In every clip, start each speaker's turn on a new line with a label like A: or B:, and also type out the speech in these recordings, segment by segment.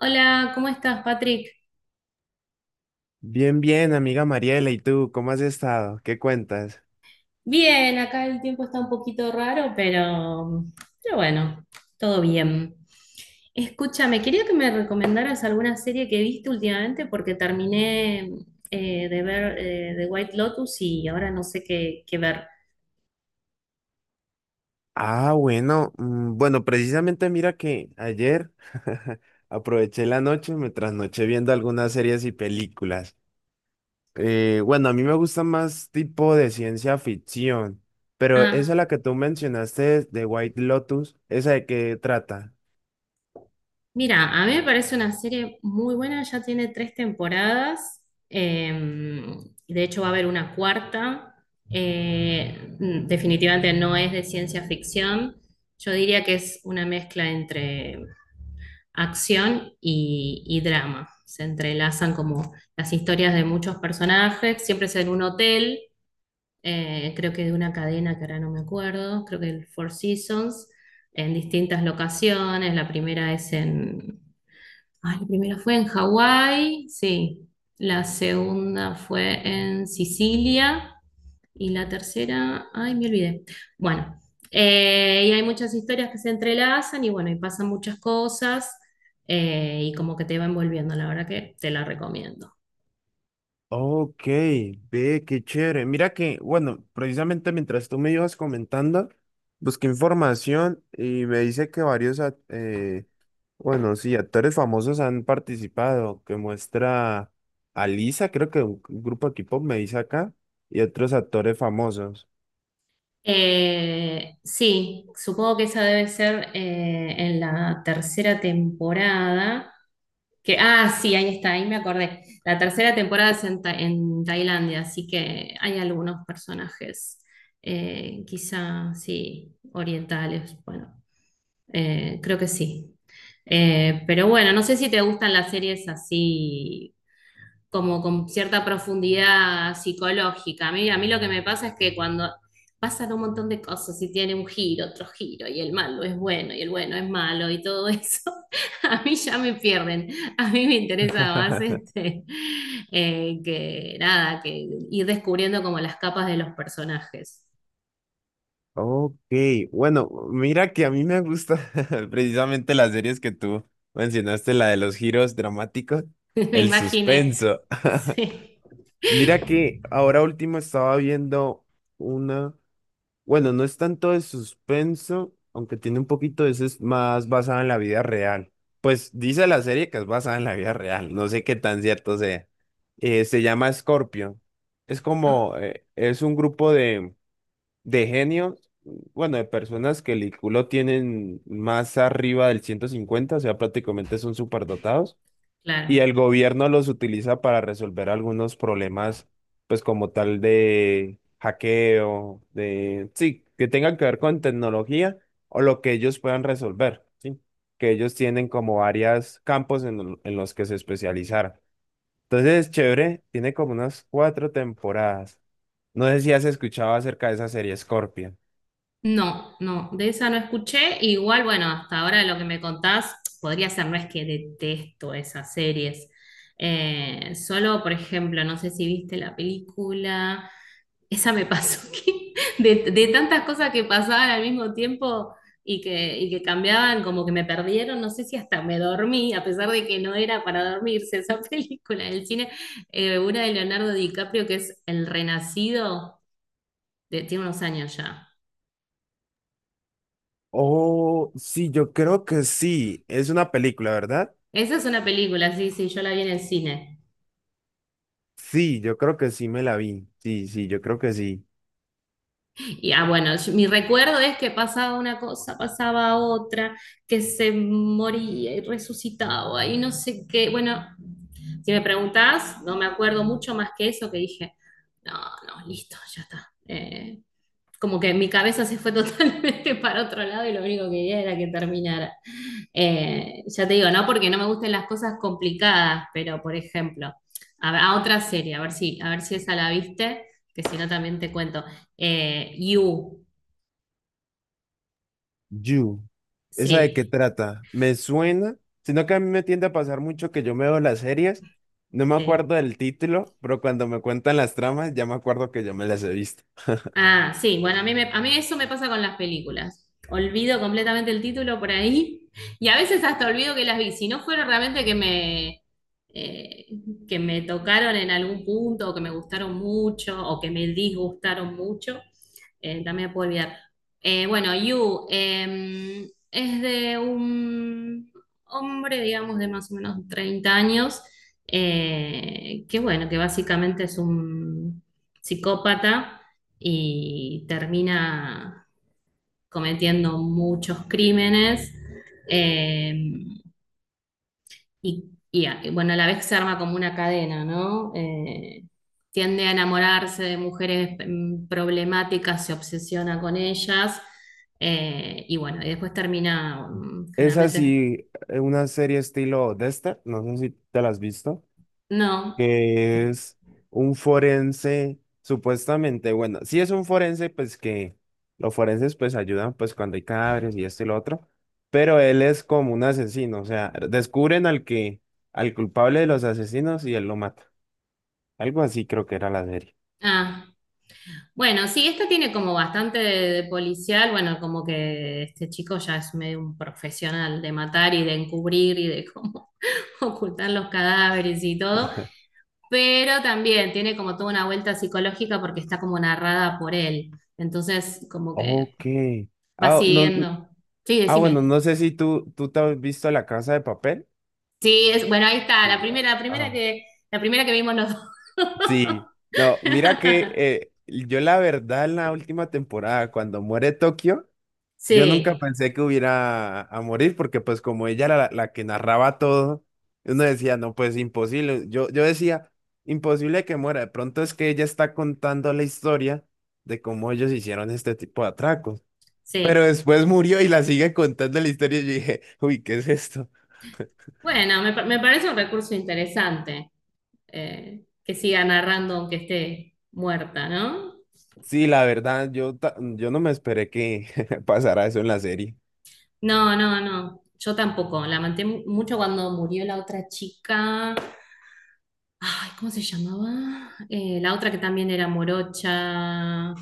A: Hola, ¿cómo estás, Patrick?
B: Bien, bien, amiga Mariela, ¿y tú cómo has estado? ¿Qué cuentas?
A: Bien, acá el tiempo está un poquito raro, pero bueno, todo bien. Escúchame, quería que me recomendaras alguna serie que viste últimamente porque terminé de ver The White Lotus y ahora no sé qué, qué ver.
B: Ah, bueno, mm, bueno, precisamente mira que ayer aproveché la noche, me trasnoché viendo algunas series y películas. Bueno, a mí me gusta más tipo de ciencia ficción, pero esa
A: Ah,
B: la que tú mencionaste de White Lotus, ¿esa de qué trata?
A: mira, a mí me parece una serie muy buena, ya tiene tres temporadas, eh, y de hecho va a haber una cuarta. Definitivamente no es de ciencia ficción, yo diría que es una mezcla entre acción y drama, se entrelazan como las historias de muchos personajes, siempre es en un hotel. Creo que de una cadena que ahora no me acuerdo, creo que el Four Seasons, en distintas locaciones, la primera es en... Ah, la primera fue en Hawái, sí. La segunda fue en Sicilia. Y la tercera, ay, me olvidé. Bueno, y hay muchas historias que se entrelazan y bueno, y pasan muchas cosas, y como que te va envolviendo, la verdad que te la recomiendo.
B: Ok, ve, qué chévere. Mira que, bueno, precisamente mientras tú me ibas comentando, busqué información y me dice que bueno, sí, actores famosos han participado, que muestra a Lisa, creo que un grupo de K-pop me dice acá, y otros actores famosos.
A: Sí, supongo que esa debe ser en la tercera temporada. Que, ah, sí, ahí está, ahí me acordé. La tercera temporada es en, en Tailandia, así que hay algunos personajes, quizá, sí, orientales, bueno, creo que sí. Pero bueno, no sé si te gustan las series así como con cierta profundidad psicológica. A mí lo que me pasa es que cuando pasan un montón de cosas y tiene un giro, otro giro, y el malo es bueno y el bueno es malo y todo eso, a mí ya me pierden. A mí me interesa más este, que nada, que ir descubriendo como las capas de los personajes.
B: Ok, bueno, mira que a mí me gusta precisamente las series que tú mencionaste, la de los giros dramáticos,
A: me
B: el
A: imaginé.
B: suspenso.
A: Sí.
B: Mira que ahora último estaba viendo una, bueno, no es tanto de suspenso, aunque tiene un poquito de eso, es más basada en la vida real. Pues dice la serie que es basada en la vida real, no sé qué tan cierto sea. Se llama Scorpio. Es como, es un grupo de genios, bueno, de personas que el IQ lo tienen más arriba del 150, o sea, prácticamente son superdotados y
A: Claro.
B: el gobierno los utiliza para resolver algunos problemas, pues como tal de hackeo, de, sí, que tengan que ver con tecnología o lo que ellos puedan resolver, ¿sí? Que ellos tienen como varios campos en, en los que se especializaron. Entonces, chévere, tiene como unas 4 temporadas. No sé si has escuchado acerca de esa serie Scorpion.
A: No, no, de esa no escuché. Igual, bueno, hasta ahora lo que me contás podría ser, no es que detesto esas series. Solo, por ejemplo, no sé si viste la película, esa me pasó que de tantas cosas que pasaban al mismo tiempo y que cambiaban, como que me perdieron, no sé si hasta me dormí, a pesar de que no era para dormirse esa película en el cine, una de Leonardo DiCaprio que es El Renacido, tiene unos años ya.
B: Oh, sí, yo creo que sí. Es una película, ¿verdad?
A: Esa es una película, sí, sí, yo la vi en el cine.
B: Sí, yo creo que sí me la vi. Sí, sí, yo creo que sí.
A: Y ah, bueno, mi recuerdo es que pasaba una cosa, pasaba otra, que se moría y resucitaba y no sé qué. Bueno, si me preguntás, no me acuerdo mucho más que eso que dije, no, no, listo, ya está. Como que mi cabeza se fue totalmente para otro lado y lo único que quería era que terminara. Ya te digo, no porque no me gusten las cosas complicadas, pero por ejemplo, a otra serie, a ver si esa la viste, que si no también te cuento. You,
B: You. ¿Esa de qué
A: sí,
B: trata? Me suena, sino que a mí me tiende a pasar mucho que yo me veo las series, no me
A: sí.
B: acuerdo del título, pero cuando me cuentan las tramas ya me acuerdo que yo me las he visto.
A: Ah, sí, bueno, a mí eso me pasa con las películas. Olvido completamente el título por ahí y a veces hasta olvido que las vi. Si no fueron realmente eh, que me tocaron en algún punto o que me gustaron mucho o que me disgustaron mucho, también puedo olvidar. Bueno, You es de un hombre, digamos, de más o menos 30 años, que bueno, que básicamente es un psicópata y termina cometiendo muchos crímenes. eh, y, y bueno, a la vez se arma como una cadena, ¿no? Tiende a enamorarse de mujeres problemáticas, se obsesiona con ellas. Y bueno, y después termina, mm,
B: Es
A: generalmente,
B: así, una serie estilo Dexter, no sé si te la has visto.
A: no.
B: Que es un forense, supuestamente, bueno, si es un forense, pues que los forenses pues ayudan pues cuando hay cadáveres y esto y lo otro, pero él es como un asesino, o sea, descubren al que, al culpable de los asesinos y él lo mata. Algo así creo que era la serie.
A: Ah, bueno, sí, esta tiene como bastante de policial, bueno, como que este chico ya es medio un profesional de matar y de encubrir y de cómo ocultan los cadáveres y todo, pero también tiene como toda una vuelta psicológica porque está como narrada por él. Entonces, como que
B: Ok.
A: va
B: Ah, no, no-
A: siguiendo. Sí,
B: bueno,
A: decime.
B: no sé si tú te has visto La Casa de Papel.
A: Sí, es, bueno, ahí está,
B: Sí, ah, ah,
A: la primera que vimos los dos.
B: sí, no, mira que yo la verdad en la última temporada, cuando muere Tokio, yo nunca
A: Sí,
B: pensé que hubiera a morir porque pues como ella era la que narraba todo, uno decía, no, pues imposible. Yo decía, imposible que muera. De pronto es que ella está contando la historia de cómo ellos hicieron este tipo de atracos. Pero
A: sí.
B: después murió y la sigue contando la historia y yo dije, uy, ¿qué es esto?
A: Bueno, me parece un recurso interesante, que siga narrando aunque esté muerta, ¿no?
B: Sí, la verdad, yo no me esperé que pasara eso en la serie,
A: No, no, no. Yo tampoco. Mucho cuando murió la otra chica. Ay, ¿cómo se llamaba? La otra que también era morocha,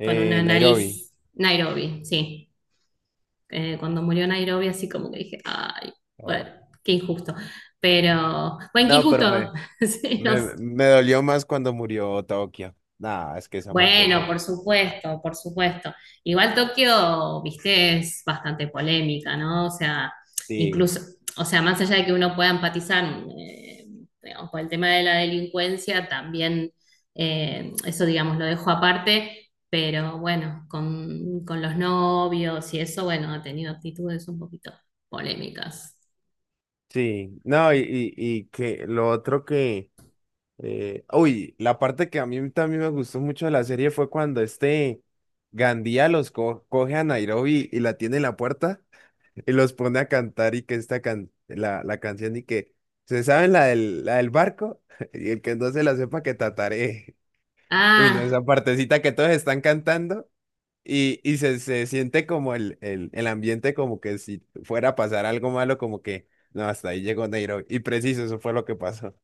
A: con una
B: Nairobi.
A: nariz. Nairobi, sí. Cuando murió Nairobi, así como que dije, ay,
B: Oh.
A: bueno, qué injusto. Pero, bueno, qué
B: No, pero
A: injusto.
B: me,
A: Sí, no
B: Me,
A: sé.
B: me dolió más cuando murió Tokio. Nah, es que esa muerte de
A: Bueno, por
B: Tokio. Ah,
A: supuesto, por supuesto. Igual Tokio, viste, es bastante polémica, ¿no? O sea,
B: sí,
A: incluso, o sea, más allá de que uno pueda empatizar, eh, digamos, por el tema de la delincuencia, también eso, digamos, lo dejo aparte, pero bueno, con los novios y eso, bueno, ha tenido actitudes un poquito polémicas.
B: sí. No, y que lo otro que. Uy, la parte que a mí también me gustó mucho de la serie fue cuando este Gandía los coge a Nairobi y la tiene en la puerta y los pone a cantar y que esta can la canción y que. ¿Se saben la del barco? Y el que no se la sepa que tataré. Uy, no,
A: Ah,
B: esa partecita que todos están cantando. Se, se siente como el ambiente como que si fuera a pasar algo malo, como que no, hasta ahí llegó Nairobi. Y preciso, eso fue lo que pasó.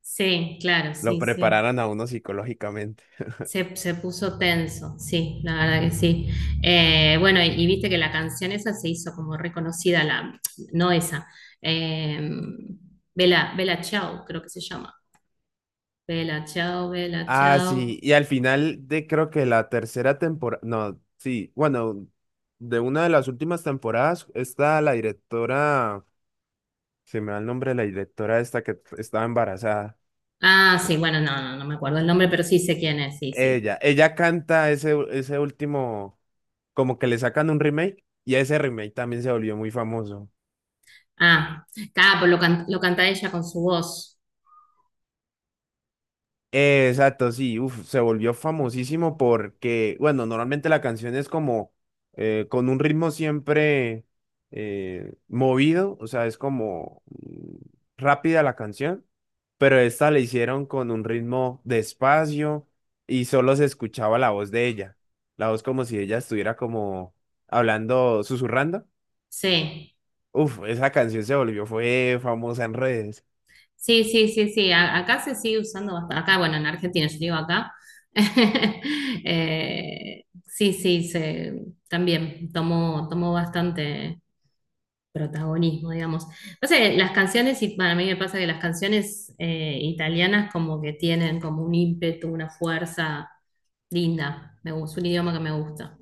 A: sí, claro,
B: Lo
A: sí, sí.
B: prepararon a uno psicológicamente.
A: Se puso tenso, sí, la verdad que sí. Bueno, y viste que la canción esa se hizo como reconocida, la, no esa, eh, Bella, Bella Ciao, creo que se llama. Bella Ciao, Bella
B: Ah,
A: Ciao.
B: sí, y al final de creo que la tercera temporada, no, sí, bueno, de una de las últimas temporadas está la directora, se me va el nombre de la directora esta que estaba embarazada.
A: Ah, sí, bueno, no, no, no me acuerdo el nombre,
B: Eh,
A: pero sí sé quién es, sí, sí.
B: Ella canta ese último, como que le sacan un remake y ese remake también se volvió muy famoso.
A: Ah, claro, pues lo canta ella con su voz.
B: Exacto, sí, uf, se volvió famosísimo porque, bueno, normalmente la canción es como con un ritmo siempre movido, o sea, es como mm, rápida la canción, pero esta la hicieron con un ritmo despacio y solo se escuchaba la voz de ella, la voz como si ella estuviera como hablando, susurrando.
A: Sí.
B: Uf, esa canción se volvió, fue famosa en redes.
A: Sí, sí, sí, sí. Acá se sigue usando bastante. Acá, bueno, en Argentina, yo digo acá. Sí, sí, también tomó, tomó bastante protagonismo, digamos. Pasa que las canciones, y para mí me pasa que las canciones italianas como que tienen como un ímpetu, una fuerza linda. Me gusta, es un idioma que me gusta.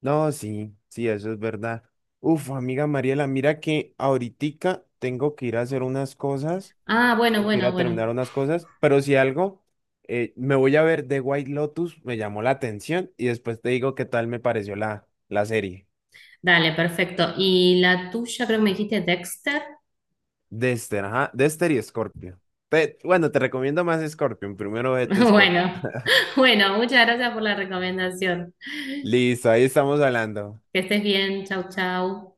B: No, sí, sí, eso es verdad. Uf, amiga Mariela, mira que ahoritica tengo que ir a hacer unas cosas,
A: Ah, bueno,
B: tengo que ir
A: bueno,
B: a
A: bueno.
B: terminar unas cosas, pero si algo, me voy a ver The White Lotus, me llamó la atención y después te digo qué tal me pareció la serie.
A: Dale, perfecto. ¿Y la tuya creo que me dijiste Dexter?
B: Dexter, ajá, Dexter y Scorpion. Bueno, te recomiendo más Scorpion, primero vete Scorpion.
A: Bueno, bueno, muchas gracias por la recomendación.
B: Listo, ahí estamos hablando.
A: Que estés bien, chau, chau.